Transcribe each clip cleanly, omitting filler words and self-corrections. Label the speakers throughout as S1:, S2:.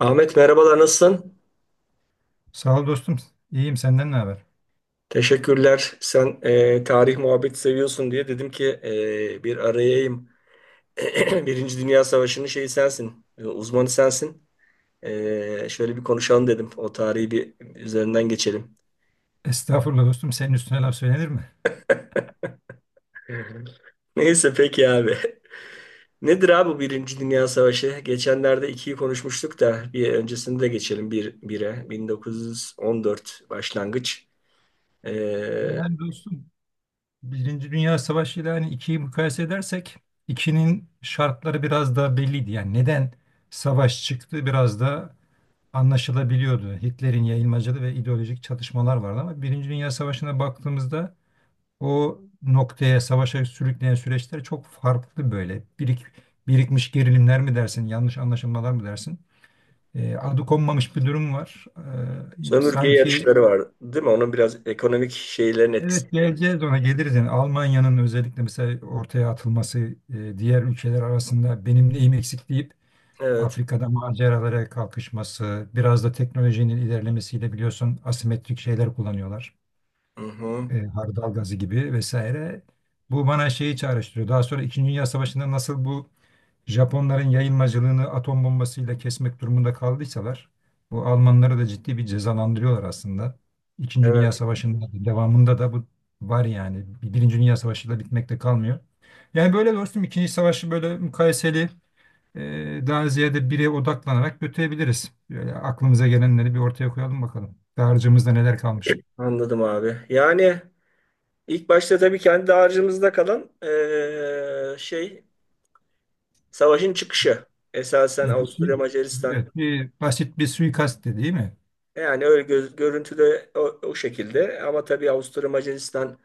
S1: Ahmet, merhabalar, nasılsın?
S2: Sağ ol dostum. İyiyim, senden ne haber?
S1: Teşekkürler. Sen tarih muhabbeti seviyorsun diye dedim ki, bir arayayım. Birinci Dünya Savaşı'nın uzmanı sensin. Şöyle bir konuşalım dedim. O tarihi bir üzerinden geçelim.
S2: Estağfurullah dostum. Senin üstüne laf söylenir mi?
S1: Neyse peki abi. Nedir abi bu Birinci Dünya Savaşı? Geçenlerde ikiyi konuşmuştuk da bir öncesini de geçelim, bire. 1914 başlangıç. E,
S2: Yani dostum, Birinci Dünya Savaşı ile hani ikiyi mukayese edersek ikinin şartları biraz daha belliydi. Yani neden savaş çıktı biraz da anlaşılabiliyordu. Hitler'in yayılmacılığı ve ideolojik çatışmalar vardı ama Birinci Dünya Savaşı'na baktığımızda o noktaya savaşa sürükleyen süreçler çok farklı böyle. Birikmiş gerilimler mi dersin, yanlış anlaşılmalar mı dersin? Adı konmamış bir durum var. E,
S1: Sömürge
S2: sanki
S1: yarışları var değil mi? Onun biraz ekonomik şeylerin etkisi.
S2: Evet, geleceğiz ona geliriz. Yani Almanya'nın özellikle mesela ortaya atılması, diğer ülkeler arasında benim neyim eksik deyip
S1: Evet.
S2: Afrika'da maceralara kalkışması, biraz da teknolojinin ilerlemesiyle biliyorsun asimetrik şeyler kullanıyorlar.
S1: Hı hı.
S2: Hardal gazı gibi vesaire. Bu bana şeyi çağrıştırıyor. Daha sonra İkinci Dünya Savaşı'nda nasıl bu Japonların yayılmacılığını atom bombasıyla kesmek durumunda kaldıysalar, bu Almanları da ciddi bir cezalandırıyorlar aslında. İkinci Dünya
S1: Evet.
S2: Savaşı'nın devamında da bu var yani. Birinci Dünya Savaşı'yla bitmekte kalmıyor. Yani böyle dostum, İkinci Savaşı böyle mukayeseli, daha ziyade bire odaklanarak götürebiliriz. Böyle aklımıza gelenleri bir ortaya koyalım bakalım. Dağarcığımızda neler kalmış.
S1: Anladım abi. Yani ilk başta tabii kendi harcımızda kalan savaşın çıkışı. Esasen
S2: Evet,
S1: Avusturya Macaristan,
S2: evet, bir basit bir suikast değil mi?
S1: yani öyle görüntüde o şekilde, ama tabii Avusturya Macaristan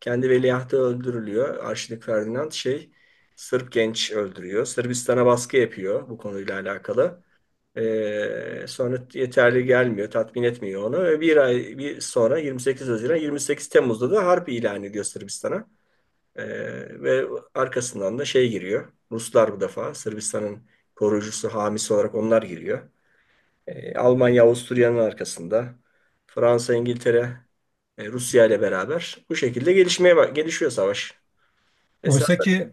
S1: kendi veliahtı öldürülüyor. Arşduke Ferdinand, Sırp genç öldürüyor. Sırbistan'a baskı yapıyor bu konuyla alakalı. Sonra yeterli gelmiyor, tatmin etmiyor onu. Ve bir ay sonra, 28 Haziran, 28 Temmuz'da da harp ilan ediyor Sırbistan'a. Ve arkasından da giriyor. Ruslar bu defa Sırbistan'ın koruyucusu, hamisi olarak onlar giriyor. Almanya, Avusturya'nın arkasında. Fransa, İngiltere, Rusya ile beraber bu şekilde gelişmeye gelişiyor savaş. Esas
S2: Oysa ki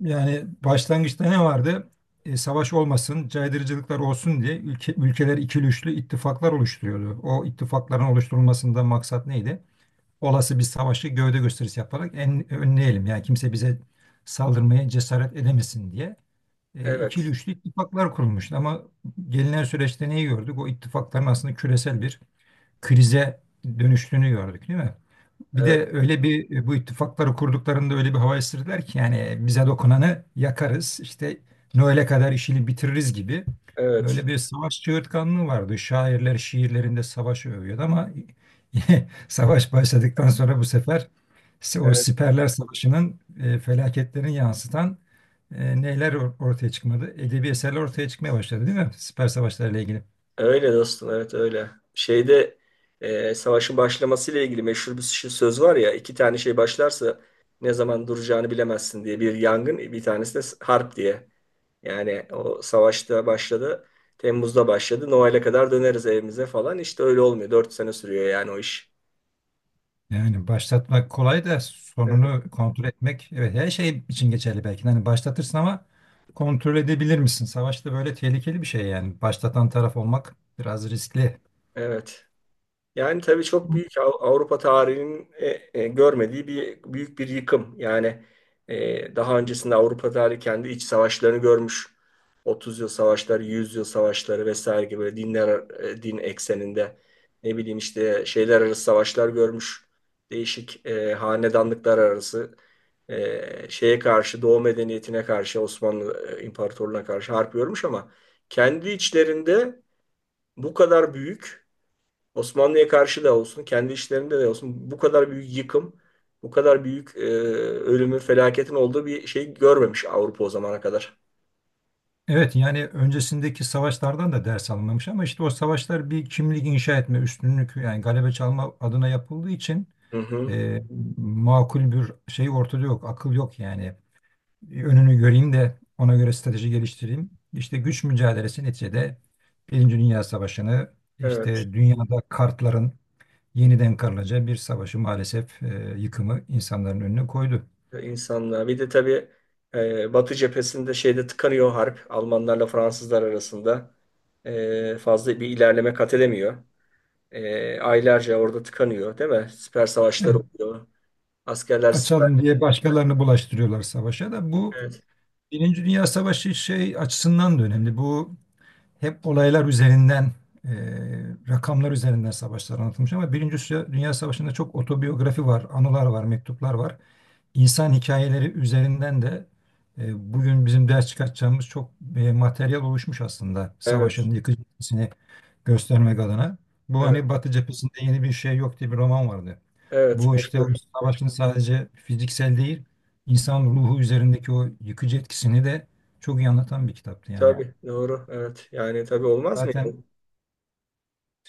S2: Yani başlangıçta ne vardı? Savaş olmasın, caydırıcılıklar olsun diye ülke, ülkeler ikili üçlü ittifaklar oluşturuyordu. O ittifakların oluşturulmasında maksat neydi? Olası bir savaşı gövde gösterisi yaparak önleyelim. Yani kimse bize saldırmaya cesaret edemesin diye. İkili
S1: evet,
S2: üçlü ittifaklar kurulmuştu. Ama gelinen süreçte neyi gördük? O ittifakların aslında küresel bir krize dönüştüğünü gördük, değil mi? Bir
S1: evet,
S2: de bu ittifakları kurduklarında öyle bir hava estirdiler ki, yani bize dokunanı yakarız işte, Noel'e kadar işini bitiririz gibi
S1: evet.
S2: böyle bir savaş çığırtkanlığı vardı. Şairler şiirlerinde savaşı övüyordu ama savaş başladıktan sonra bu sefer o
S1: Evet.
S2: siperler savaşının felaketlerini yansıtan neler ortaya çıkmadı? Edebi eserler ortaya çıkmaya başladı değil mi? Siper savaşlarıyla ilgili.
S1: Öyle dostum, evet, öyle. Savaşın başlamasıyla ilgili meşhur bir söz var ya, iki tane şey başlarsa ne zaman duracağını bilemezsin diye: bir yangın, bir tanesi de harp diye. Yani o savaşta başladı, Temmuz'da başladı, Noel'e kadar döneriz evimize falan, işte öyle olmuyor. Dört sene sürüyor yani o iş.
S2: Yani başlatmak kolay da
S1: Evet.
S2: sonunu kontrol etmek, evet, her şey için geçerli belki de. Hani başlatırsın ama kontrol edebilir misin? Savaşta böyle tehlikeli bir şey yani. Başlatan taraf olmak biraz riskli.
S1: Evet. Yani tabii çok büyük, Avrupa tarihinin görmediği bir büyük bir yıkım. Yani daha öncesinde Avrupa tarihi kendi iç savaşlarını görmüş. 30 yıl savaşları, 100 yıl savaşları vesaire gibi, böyle dinler, din ekseninde, ne bileyim işte, şeyler arası savaşlar görmüş. Değişik hanedanlıklar arası, e, şeye karşı Doğu medeniyetine karşı, Osmanlı İmparatorluğu'na karşı harp görmüş, ama kendi içlerinde bu kadar büyük, Osmanlı'ya karşı da olsun, kendi işlerinde de olsun, bu kadar büyük yıkım, bu kadar büyük ölümün, felaketin olduğu bir şey görmemiş Avrupa o zamana kadar.
S2: Evet, yani öncesindeki savaşlardan da ders alınmamış ama işte o savaşlar bir kimlik inşa etme, üstünlük yani galebe çalma adına yapıldığı için,
S1: Hı hı.
S2: e, makul bir şey ortada yok, akıl yok yani. Bir önünü göreyim de ona göre strateji geliştireyim. İşte güç mücadelesi neticede Birinci Dünya Savaşı'nı
S1: Evet,
S2: işte dünyada kartların yeniden karılacağı bir savaşı maalesef, yıkımı insanların önüne koydu.
S1: insanlığa. Bir de tabii Batı cephesinde tıkanıyor harp. Almanlarla Fransızlar arasında fazla bir ilerleme kat edemiyor. Aylarca orada tıkanıyor, değil mi? Siper savaşları
S2: Evet,
S1: oluyor. Askerler siper.
S2: açalım diye başkalarını bulaştırıyorlar savaşa da. Bu
S1: Evet,
S2: Birinci Dünya Savaşı şey açısından da önemli. Bu hep olaylar üzerinden, e, rakamlar üzerinden savaşlar anlatılmış ama Birinci Dünya Savaşı'nda çok otobiyografi var, anılar var, mektuplar var. İnsan hikayeleri üzerinden de bugün bizim ders çıkartacağımız çok materyal oluşmuş aslında savaşın
S1: evet,
S2: yıkıcı etkisini göstermek adına. Bu
S1: evet,
S2: hani "Batı cephesinde yeni bir şey yok" diye bir roman vardı.
S1: evet.
S2: Bu işte o
S1: Meşhur.
S2: savaşın sadece fiziksel değil, insan ruhu üzerindeki o yıkıcı etkisini de çok iyi anlatan bir kitaptı yani.
S1: Tabii, doğru. Evet. Yani tabii olmaz mıydı?
S2: Zaten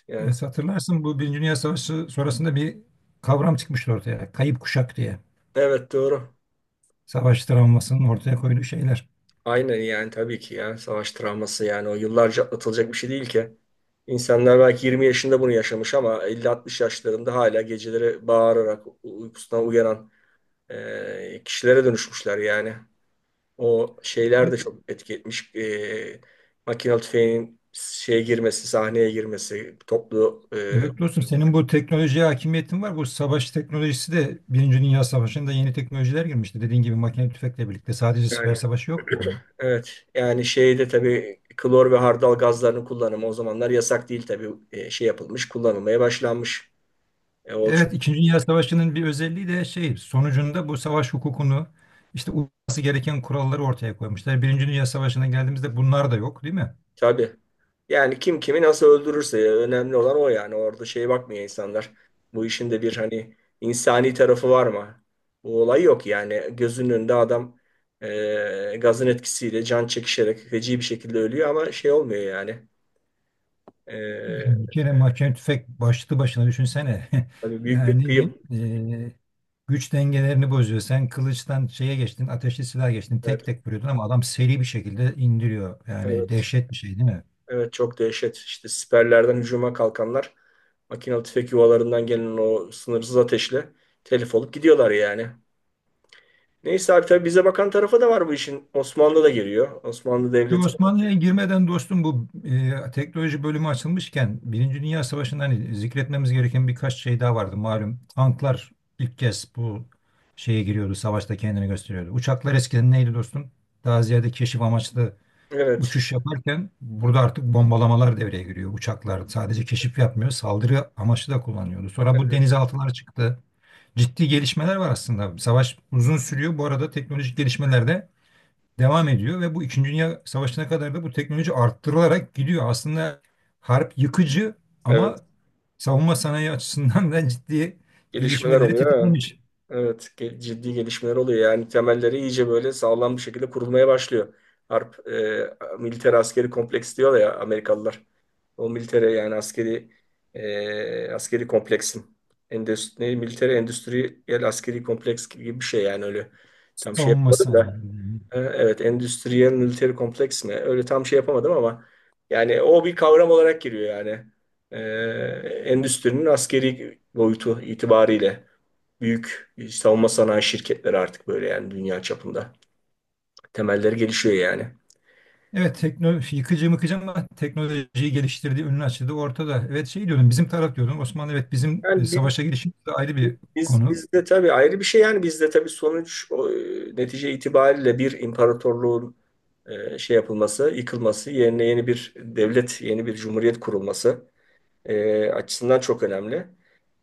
S1: Yani.
S2: Evet, hatırlarsın, bu Birinci Dünya Savaşı sonrasında bir kavram çıkmıştı ortaya. Kayıp kuşak diye.
S1: Evet, doğru.
S2: Savaş travmasının ortaya koyduğu şeyler.
S1: Aynen, yani tabii ki ya. Savaş travması yani, o yıllarca atlatılacak bir şey değil ki. İnsanlar belki 20 yaşında bunu yaşamış ama 50-60 yaşlarında hala geceleri bağırarak uykusundan uyanan kişilere dönüşmüşler yani. O şeyler
S2: Evet,
S1: de çok etki etmiş. Makinalı tüfeğin sahneye girmesi, toplu
S2: evet dostum, senin bu teknolojiye hakimiyetin var. Bu savaş teknolojisi de Birinci Dünya Savaşı'nda yeni teknolojiler girmişti. Dediğin gibi makine tüfekle birlikte sadece siper
S1: yani,
S2: savaşı yok.
S1: evet yani tabii klor ve hardal gazlarının kullanımı o zamanlar yasak değil tabii. Kullanılmaya başlanmış. O çok
S2: Evet, İkinci Dünya Savaşı'nın bir özelliği de sonucunda bu savaş hukukunu, işte uyması gereken kuralları ortaya koymuşlar. Birinci Dünya Savaşı'na geldiğimizde bunlar da yok, değil mi?
S1: tabii. Yani kim kimi nasıl öldürürse, önemli olan o yani. Orada şeye bakmıyor insanlar. Bu işin de bir hani insani tarafı var mı? Bu olay yok yani. Gözünün önünde adam, gazın etkisiyle can çekişerek feci bir şekilde ölüyor ama şey olmuyor yani. E,
S2: Yani bir kere mahkeme tüfek başlı başına düşünsene.
S1: Hani büyük
S2: Yani
S1: bir
S2: ne diyeyim,
S1: kıyım.
S2: güç dengelerini bozuyor. Sen kılıçtan şeye geçtin, ateşli silah geçtin,
S1: Evet,
S2: tek tek vuruyordun ama adam seri bir şekilde indiriyor. Yani
S1: evet,
S2: dehşet bir şey, değil mi?
S1: evet, çok dehşet. İşte siperlerden hücuma kalkanlar makinalı tüfek yuvalarından gelen o sınırsız ateşle telef olup gidiyorlar yani. Neyse abi, tabii bize bakan tarafa da var bu işin. Osmanlı da giriyor. Osmanlı
S2: Şu
S1: Devleti.
S2: Osmanlı'ya girmeden dostum, bu teknoloji bölümü açılmışken Birinci Dünya Savaşı'nda hani zikretmemiz gereken birkaç şey daha vardı. Malum tanklar ilk kez bu şeye giriyordu, savaşta kendini gösteriyordu. Uçaklar eskiden neydi dostum? Daha ziyade keşif amaçlı
S1: Evet.
S2: uçuş yaparken burada artık bombalamalar devreye giriyor. Uçaklar sadece keşif yapmıyor, saldırı amaçlı da kullanıyordu. Sonra bu
S1: Evet.
S2: denizaltılar çıktı. Ciddi gelişmeler var aslında. Savaş uzun sürüyor. Bu arada teknolojik gelişmeler de devam ediyor ve bu İkinci Dünya Savaşı'na kadar da bu teknoloji arttırılarak gidiyor. Aslında harp yıkıcı
S1: Evet.
S2: ama savunma sanayi açısından da ciddi
S1: Gelişmeler
S2: gelişmeleri
S1: oluyor, ha.
S2: tetiklemiş,
S1: Evet. Ciddi gelişmeler oluyor. Yani temelleri iyice böyle sağlam bir şekilde kurulmaya başlıyor. Harp, militer askeri kompleks diyorlar ya Amerikalılar. O militere, yani askeri, askeri kompleksin. Endüstri, militer endüstriyel askeri kompleks gibi bir şey yani, öyle. Tam şey
S2: savunma
S1: yapmadım da.
S2: sanayi.
S1: Evet, Endüstriyel Military Kompleks mi? Öyle tam şey yapamadım ama yani o bir kavram olarak giriyor yani. E, Endüstrinin askeri boyutu itibariyle büyük savunma sanayi şirketleri artık böyle yani, dünya çapında. Temelleri gelişiyor yani.
S2: Evet, teknoloji yıkıcı mıkıcı ama teknolojiyi geliştirdiği, önünü açtığı ortada. Evet, şey diyordum, bizim taraf diyordum, Osmanlı, evet, bizim
S1: Yani
S2: savaşa girişimiz de ayrı bir konu.
S1: bizde tabii ayrı bir şey yani, bizde tabii sonuç o, netice itibariyle bir imparatorluğun yıkılması, yerine yeni bir devlet, yeni bir cumhuriyet kurulması açısından çok önemli.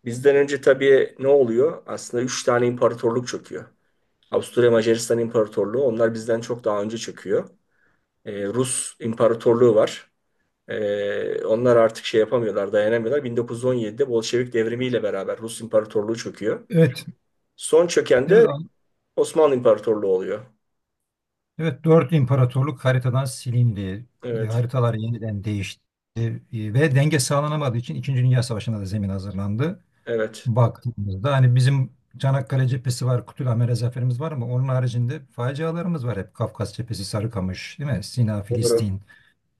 S1: Bizden önce tabii ne oluyor? Aslında üç tane imparatorluk çöküyor. Avusturya Macaristan İmparatorluğu, onlar bizden çok daha önce çöküyor. Rus İmparatorluğu var. Onlar artık şey yapamıyorlar, dayanamıyorlar. 1917'de Bolşevik devrimiyle beraber Rus İmparatorluğu çöküyor.
S2: Evet.
S1: Son çöken
S2: Evet,
S1: de Osmanlı İmparatorluğu oluyor.
S2: evet, dört imparatorluk haritadan silindi.
S1: Evet,
S2: Haritalar yeniden değişti. E, Ve denge sağlanamadığı için İkinci Dünya Savaşı'na da zemin hazırlandı.
S1: evet.
S2: Baktığımızda hani bizim Çanakkale cephesi var, Kütülhamere zaferimiz var ama onun haricinde facialarımız var hep. Kafkas cephesi, Sarıkamış, değil mi? Sina,
S1: Doğru,
S2: Filistin.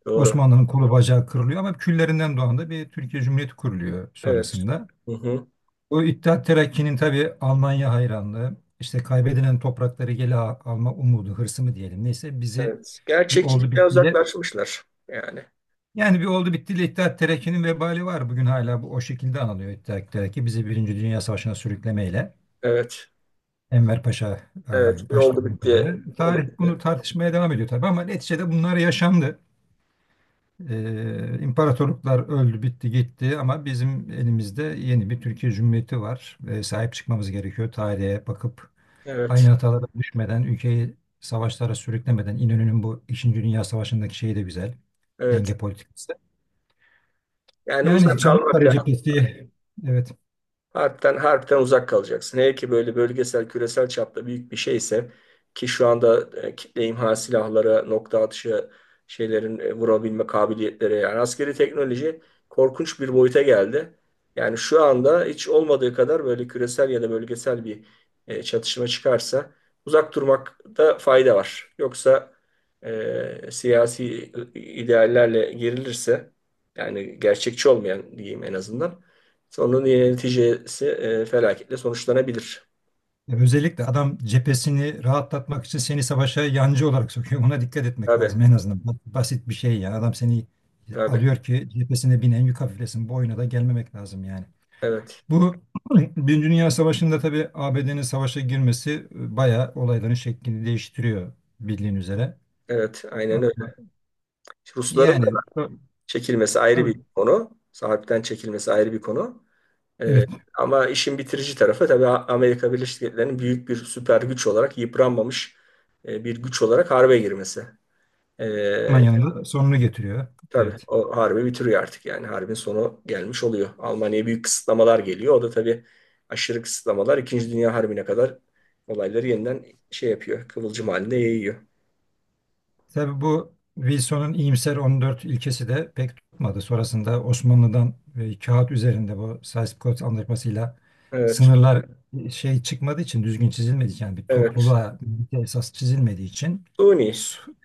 S1: doğru.
S2: Osmanlı'nın kolu bacağı kırılıyor ama küllerinden doğan da bir Türkiye Cumhuriyeti kuruluyor
S1: Evet.
S2: sonrasında.
S1: Hı hı.
S2: O İttihat Terakki'nin tabii Almanya hayranlığı, işte kaybedilen toprakları alma umudu, hırsı mı diyelim, neyse, bizi
S1: Evet.
S2: bir oldu
S1: Gerçekçilikten
S2: bittiyle.
S1: uzaklaşmışlar yani.
S2: Yani bir oldu bittiyle İttihat Terakki'nin vebali var. Bugün hala bu o şekilde anılıyor İttihat Terakki. Bizi Birinci Dünya Savaşı'na sürüklemeyle.
S1: Evet.
S2: Enver Paşa
S1: Evet, bir
S2: başta
S1: oldu
S2: olmak üzere.
S1: bitti
S2: Tarih
S1: olabilir.
S2: bunu tartışmaya devam ediyor tabii ama neticede bunlar yaşandı. İmparatorluklar öldü, bitti, gitti ama bizim elimizde yeni bir Türkiye Cumhuriyeti var ve sahip çıkmamız gerekiyor. Tarihe bakıp
S1: Evet,
S2: aynı hatalara düşmeden, ülkeyi savaşlara sürüklemeden, İnönü'nün bu İkinci Dünya Savaşı'ndaki şeyi de güzel.
S1: evet.
S2: Denge politikası.
S1: Yani
S2: Yani
S1: uzak kalmak
S2: Çanakkale
S1: lazım.
S2: cephesi. Evet,
S1: Harpten, harpten uzak kalacaksın. Hele ki böyle bölgesel, küresel çapta büyük bir şeyse, ki şu anda kitle imha silahlara, nokta atışı şeylerin vurabilme kabiliyetleri, yani askeri teknoloji korkunç bir boyuta geldi. Yani şu anda hiç olmadığı kadar böyle küresel ya da bölgesel bir çatışma çıkarsa uzak durmakta fayda var. Yoksa siyasi ideallerle gerilirse, yani gerçekçi olmayan diyeyim en azından, sonun neticesi felaketle sonuçlanabilir.
S2: özellikle adam cephesini rahatlatmak için seni savaşa yancı olarak sokuyor. Buna dikkat etmek lazım
S1: Tabii,
S2: en azından. Bu basit bir şey yani. Adam seni
S1: tabii.
S2: alıyor ki cephesine binen yük hafiflesin. Bu oyuna da gelmemek lazım yani.
S1: Evet,
S2: Bu Birinci Dünya Savaşı'nda tabii ABD'nin savaşa girmesi bayağı olayların şeklini değiştiriyor, bildiğin üzere.
S1: evet. Aynen öyle. Rusların da
S2: Yani
S1: çekilmesi ayrı bir
S2: tabii,
S1: konu. Sahipten çekilmesi ayrı bir konu. E,
S2: evet,
S1: ama işin bitirici tarafı tabii Amerika Birleşik Devletleri'nin büyük bir süper güç olarak yıpranmamış bir güç olarak harbe girmesi. E,
S2: Almanya'nın da sonunu getiriyor.
S1: Tabii
S2: Evet.
S1: o harbi bitiriyor artık yani. Harbin sonu gelmiş oluyor. Almanya'ya büyük kısıtlamalar geliyor. O da tabii aşırı kısıtlamalar İkinci Dünya Harbi'ne kadar olayları yeniden şey yapıyor. Kıvılcım halinde yayıyor.
S2: Tabii bu Wilson'un iyimser 14 ilkesi de pek tutmadı. Sonrasında Osmanlı'dan kağıt üzerinde bu Sykes-Picot Antlaşması'yla
S1: Evet,
S2: sınırlar, şey çıkmadığı için, düzgün çizilmediği için, yani bir
S1: evet.
S2: topluluğa birlikte esas çizilmediği için
S1: Suni.
S2: su-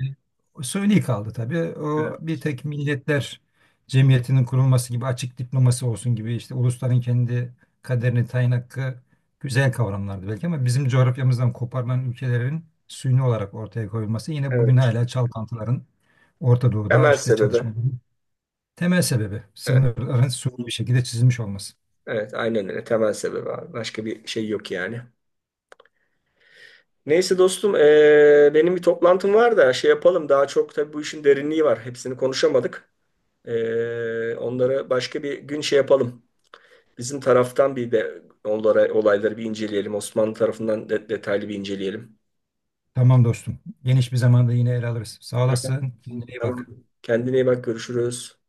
S2: suni kaldı tabii. O
S1: Evet,
S2: bir tek milletler cemiyetinin kurulması gibi, açık diplomasi olsun gibi, işte ulusların kendi kaderini tayin hakkı, güzel kavramlardı belki ama bizim coğrafyamızdan koparılan ülkelerin suyunu olarak ortaya koyulması yine bugün
S1: evet.
S2: hala çalkantıların Orta Doğu'da
S1: Temel
S2: işte
S1: sebebi.
S2: çalışmaların temel sebebi.
S1: Evet,
S2: Sınırların suni bir şekilde çizilmiş olması.
S1: evet. Aynen öyle. Temel sebebi abi. Başka bir şey yok yani. Neyse dostum, benim bir toplantım var da şey yapalım. Daha çok tabii bu işin derinliği var. Hepsini konuşamadık. Onları başka bir gün şey yapalım. Bizim taraftan bir de onlara olayları bir inceleyelim. Osmanlı tarafından detaylı bir inceleyelim.
S2: Tamam dostum. Geniş bir zamanda yine ele alırız. Sağ olasın. Kendine iyi
S1: Tamam.
S2: bak.
S1: Kendine iyi bak, görüşürüz.